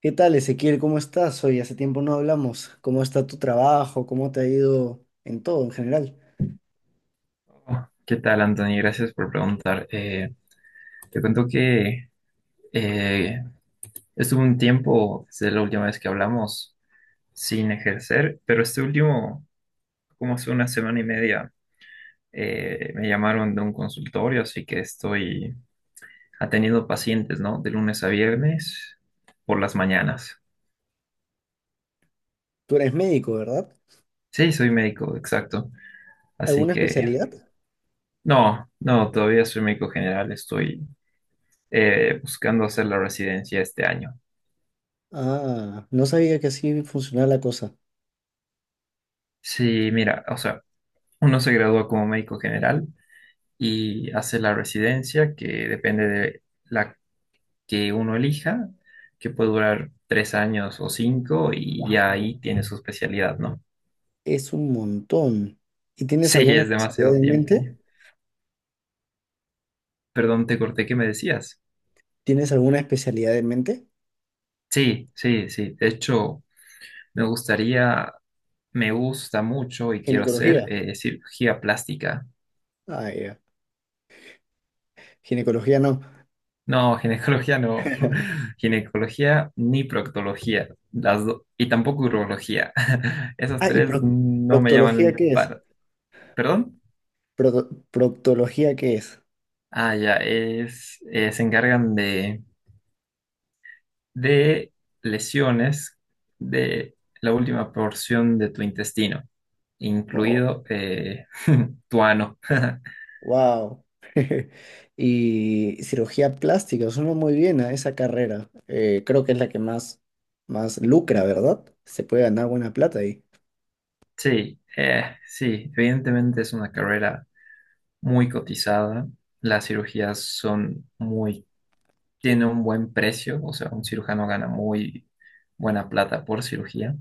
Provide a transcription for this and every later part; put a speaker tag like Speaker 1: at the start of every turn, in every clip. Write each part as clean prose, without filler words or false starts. Speaker 1: ¿Qué tal, Ezequiel? ¿Cómo estás? Hoy hace tiempo no hablamos. ¿Cómo está tu trabajo? ¿Cómo te ha ido en todo, en general?
Speaker 2: ¿Qué tal, Anthony? Gracias por preguntar. Te cuento que eh, estuve un tiempo, desde la última vez que hablamos, sin ejercer, pero este último, como hace una semana y media, me llamaron de un consultorio, así que estoy atendiendo pacientes, ¿no? De lunes a viernes por las mañanas.
Speaker 1: Tú eres médico, ¿verdad?
Speaker 2: Sí, soy médico, exacto. Así
Speaker 1: ¿Alguna
Speaker 2: que,
Speaker 1: especialidad?
Speaker 2: no, no, todavía soy médico general, estoy buscando hacer la residencia este año.
Speaker 1: Ah, no sabía que así funcionaba la cosa.
Speaker 2: Sí, mira, o sea... Uno se gradúa como médico general y hace la residencia, que depende de la que uno elija, que puede durar 3 años o cinco, y ya
Speaker 1: Wow,
Speaker 2: ahí tiene su especialidad, ¿no?
Speaker 1: es un montón. ¿Y tienes
Speaker 2: Sí,
Speaker 1: alguna
Speaker 2: es
Speaker 1: especialidad
Speaker 2: demasiado
Speaker 1: en
Speaker 2: tiempo.
Speaker 1: mente?
Speaker 2: Perdón, te corté, ¿qué me decías?
Speaker 1: ¿Tienes alguna especialidad en mente?
Speaker 2: Sí, sí, sí. De hecho, me gustaría, me gusta mucho y quiero hacer
Speaker 1: Ginecología.
Speaker 2: cirugía plástica.
Speaker 1: Ah, ya. Ginecología no.
Speaker 2: No, ginecología no. Ginecología ni proctología. Y tampoco urología. Esas
Speaker 1: Ah, ¿y
Speaker 2: tres no me
Speaker 1: proctología
Speaker 2: llaman
Speaker 1: qué es?
Speaker 2: para. ¿Perdón?
Speaker 1: ¿Proctología qué es?
Speaker 2: Ah, ya. Es, se encargan de lesiones de la última porción de tu intestino, incluido tu ano.
Speaker 1: Wow. Y cirugía plástica, suena muy bien a esa carrera. Creo que es la más lucra, ¿verdad? Se puede ganar buena plata ahí.
Speaker 2: Sí, sí, evidentemente es una carrera muy cotizada. Las cirugías son muy tiene un buen precio, o sea, un cirujano gana muy buena plata por cirugía,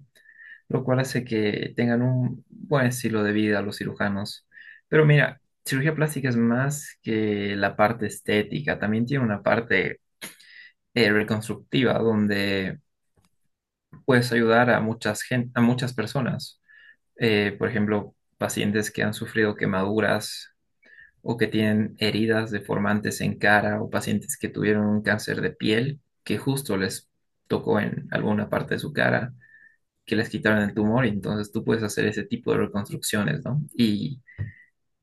Speaker 2: lo cual hace que tengan un buen estilo de vida los cirujanos. Pero mira, cirugía plástica es más que la parte estética, también tiene una parte reconstructiva donde puedes ayudar a a muchas personas. Por ejemplo, pacientes que han sufrido quemaduras o que tienen heridas deformantes en cara o pacientes que tuvieron un cáncer de piel que justo les tocó en alguna parte de su cara, que les quitaron el tumor y entonces tú puedes hacer ese tipo de reconstrucciones, ¿no?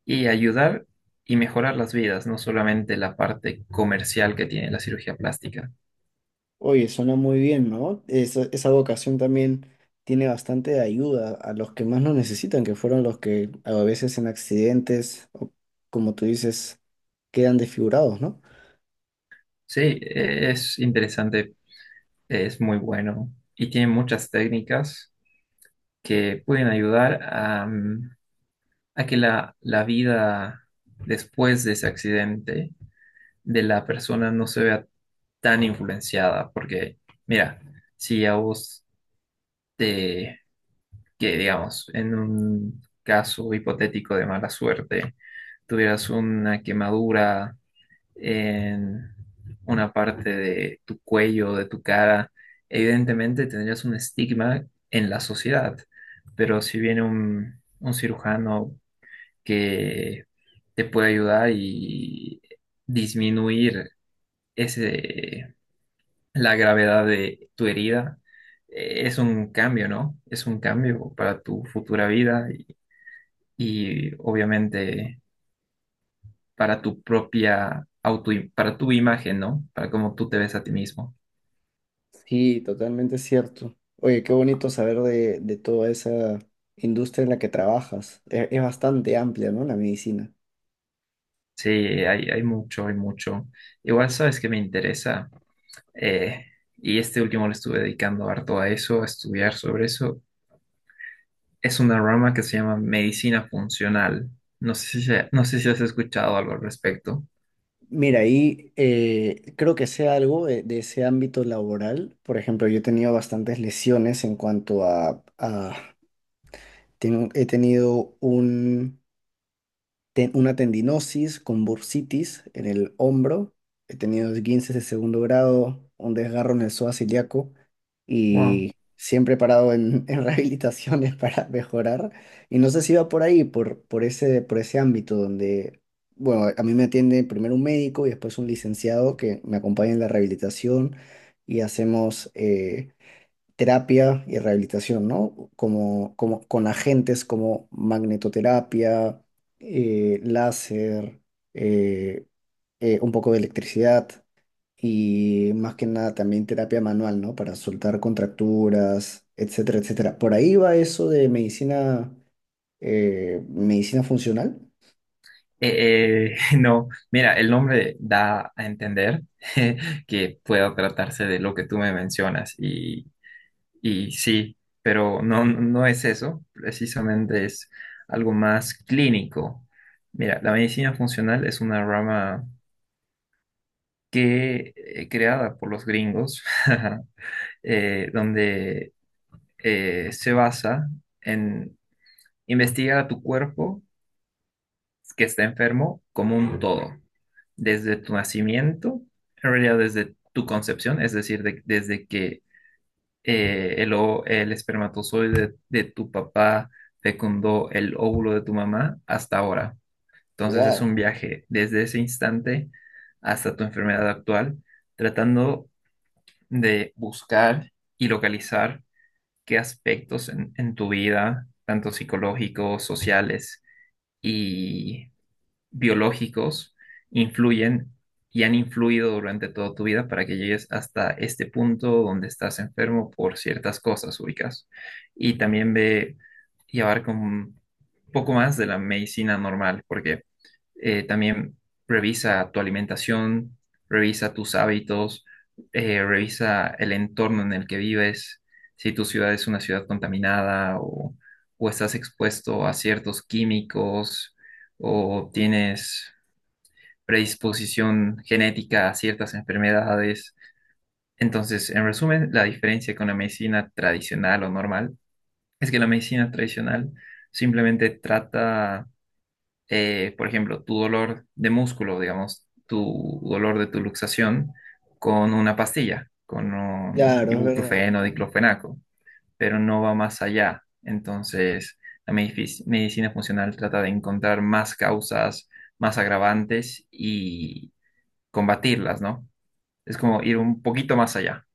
Speaker 2: Y ayudar y mejorar las vidas, no solamente la parte comercial que tiene la cirugía plástica.
Speaker 1: Oye, suena muy bien, ¿no? Esa vocación también tiene bastante ayuda a los que más lo necesitan, que fueron los que a veces en accidentes, o como tú dices, quedan desfigurados, ¿no?
Speaker 2: Sí, es interesante, es muy bueno y tiene muchas técnicas que pueden ayudar a a que la vida después de ese accidente de la persona no se vea tan influenciada, porque mira, si a vos te, que digamos, en un caso hipotético de mala suerte, tuvieras una quemadura en una parte de tu cuello, de tu cara, evidentemente tendrías un estigma en la sociedad, pero si viene un cirujano que te puede ayudar y disminuir ese, la gravedad de tu herida. Es un cambio, ¿no? Es un cambio para tu futura vida y obviamente para para tu imagen, ¿no? Para cómo tú te ves a ti mismo.
Speaker 1: Sí, totalmente cierto. Oye, qué bonito saber de toda esa industria en la que trabajas. Es bastante amplia, ¿no? La medicina.
Speaker 2: Sí, hay mucho, hay mucho. Igual sabes que me interesa, eh, y este último le estuve dedicando harto a eso, a estudiar sobre eso. Es una rama que se llama medicina funcional. No sé si, no sé si has escuchado algo al respecto.
Speaker 1: Mira, ahí creo que sé algo de ese ámbito laboral. Por ejemplo, yo he tenido bastantes lesiones en cuanto a... he tenido una tendinosis con bursitis en el hombro, he tenido esguinces de segundo grado, un desgarro en el psoas ilíaco
Speaker 2: Wow.
Speaker 1: y siempre he parado en rehabilitaciones para mejorar. Y no sé si va por ahí, por ese ámbito donde, bueno, a mí me atiende primero un médico y después un licenciado que me acompaña en la rehabilitación y hacemos... terapia y rehabilitación, ¿no? Como con agentes como magnetoterapia, láser, eh, un poco de electricidad y más que nada también terapia manual, ¿no? Para soltar contracturas, etcétera, etcétera. Por ahí va eso de medicina, medicina funcional.
Speaker 2: No, mira, el nombre da a entender que pueda tratarse de lo que tú me mencionas y sí, pero no, no es eso, precisamente es algo más clínico. Mira, la medicina funcional es una rama que creada por los gringos, donde se basa en investigar a tu cuerpo que está enfermo como un todo, desde tu nacimiento, en realidad desde tu concepción, es decir, desde que el espermatozoide de tu papá fecundó el óvulo de tu mamá hasta ahora. Entonces es un
Speaker 1: Wow.
Speaker 2: viaje desde ese instante hasta tu enfermedad actual, tratando de buscar y localizar qué aspectos en tu vida, tanto psicológicos, sociales y biológicos, influyen y han influido durante toda tu vida para que llegues hasta este punto donde estás enfermo por ciertas cosas ubicas. Y también ve y abarca un poco más de la medicina normal, porque también revisa tu alimentación, revisa tus hábitos, revisa el entorno en el que vives, si tu ciudad es una ciudad contaminada o estás expuesto a ciertos químicos o tienes predisposición genética a ciertas enfermedades. Entonces, en resumen, la diferencia con la medicina tradicional o normal es que la medicina tradicional simplemente trata por ejemplo, tu dolor de músculo, digamos, tu dolor de tu luxación con una pastilla, con un
Speaker 1: Claro, es verdad,
Speaker 2: ibuprofeno,
Speaker 1: ¿no?
Speaker 2: diclofenaco, pero no va más allá. Entonces, medicina funcional trata de encontrar más causas, más agravantes y combatirlas, ¿no? Es como ir un poquito más allá.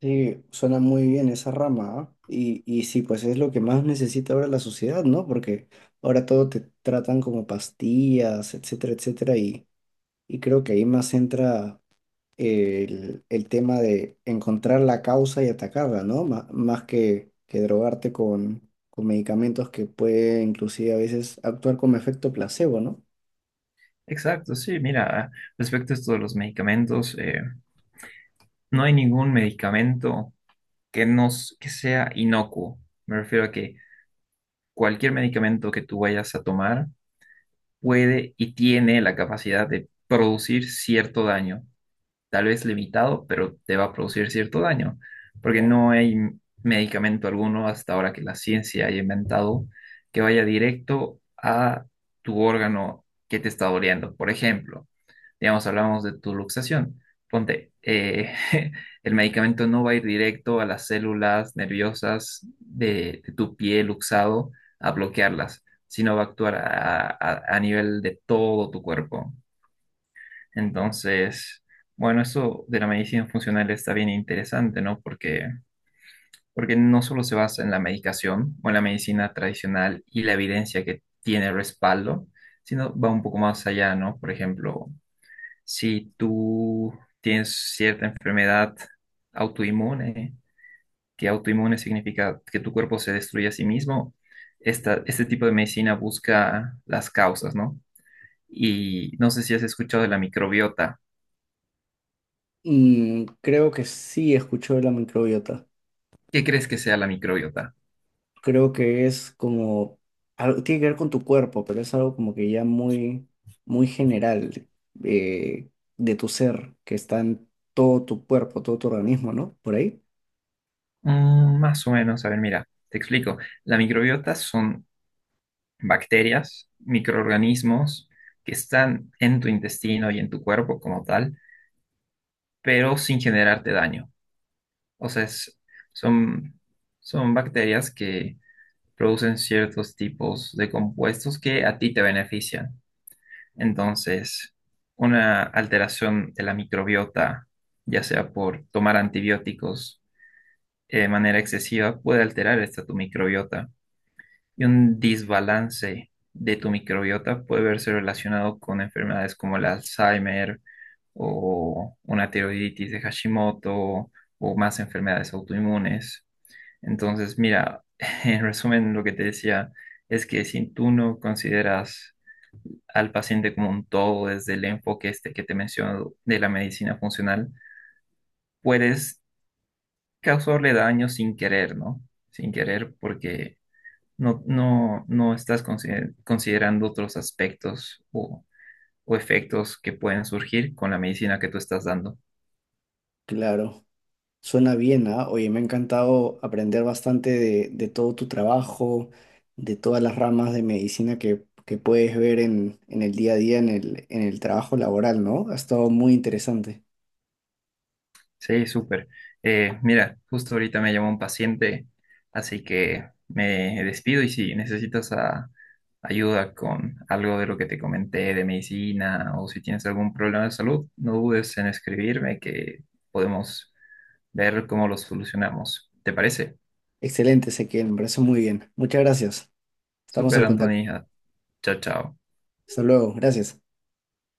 Speaker 1: Sí, suena muy bien esa rama, ¿ah? Y sí, pues es lo que más necesita ahora la sociedad, ¿no? Porque ahora todo te tratan como pastillas, etcétera, etcétera, y creo que ahí más entra el tema de encontrar la causa y atacarla, ¿no? Más que drogarte con medicamentos que puede inclusive a veces actuar como efecto placebo, ¿no?
Speaker 2: Exacto, sí, mira, respecto a esto de los medicamentos, no hay ningún medicamento que sea inocuo. Me refiero a que cualquier medicamento que tú vayas a tomar puede y tiene la capacidad de producir cierto daño tal vez limitado, pero te va a producir cierto daño, porque
Speaker 1: Wow.
Speaker 2: no hay medicamento alguno hasta ahora que la ciencia haya inventado que vaya directo a tu órgano que te está doliendo. Por ejemplo, digamos, hablamos de tu luxación. Ponte, el medicamento no va a ir directo a las células nerviosas de tu pie luxado a bloquearlas, sino va a actuar a, a nivel de todo tu cuerpo. Entonces, bueno, eso de la medicina funcional está bien interesante, ¿no? Porque, porque no solo se basa en la medicación o en la medicina tradicional y la evidencia que tiene respaldo, sino va un poco más allá, ¿no? Por ejemplo, si tú tienes cierta enfermedad autoinmune, que autoinmune significa que tu cuerpo se destruye a sí mismo, este tipo de medicina busca las causas, ¿no? Y no sé si has escuchado de la microbiota.
Speaker 1: Mm, creo que sí escuchó de la microbiota.
Speaker 2: ¿Qué crees que sea la microbiota?
Speaker 1: Creo que es como, algo, tiene que ver con tu cuerpo, pero es algo como que ya muy, muy general eh, de tu ser, que está en todo tu cuerpo, todo tu organismo, ¿no? Por ahí.
Speaker 2: Mm, más o menos, a ver, mira, te explico. La microbiota son bacterias, microorganismos que están en tu intestino y en tu cuerpo como tal, pero sin generarte daño. O sea, son, son bacterias que producen ciertos tipos de compuestos que a ti te benefician. Entonces, una alteración de la microbiota, ya sea por tomar antibióticos, de manera excesiva puede alterar esta tu microbiota y un desbalance de tu microbiota puede verse relacionado con enfermedades como el Alzheimer o una tiroiditis de Hashimoto o más enfermedades autoinmunes. Entonces, mira, en resumen, lo que te decía es que si tú no consideras al paciente como un todo desde el enfoque este que te menciono de la medicina funcional, puedes causarle daño sin querer, ¿no? Sin querer porque no estás considerando otros aspectos o efectos que pueden surgir con la medicina que tú estás dando.
Speaker 1: Claro, suena bien, ¿ah? Oye, me ha encantado aprender bastante de todo tu trabajo, de todas las ramas de medicina que puedes ver en el día a día, en el trabajo laboral, ¿no? Ha estado muy interesante.
Speaker 2: Sí, súper. Mira, justo ahorita me llamó un paciente, así que me despido y si necesitas ah, ayuda con algo de lo que te comenté de medicina o si tienes algún problema de salud, no dudes en escribirme que podemos ver cómo lo solucionamos. ¿Te parece?
Speaker 1: Excelente, Ezequiel, me parece muy bien. Muchas gracias. Estamos
Speaker 2: Súper,
Speaker 1: en contacto.
Speaker 2: Anthony. Ah, chao, chao.
Speaker 1: Hasta luego, gracias.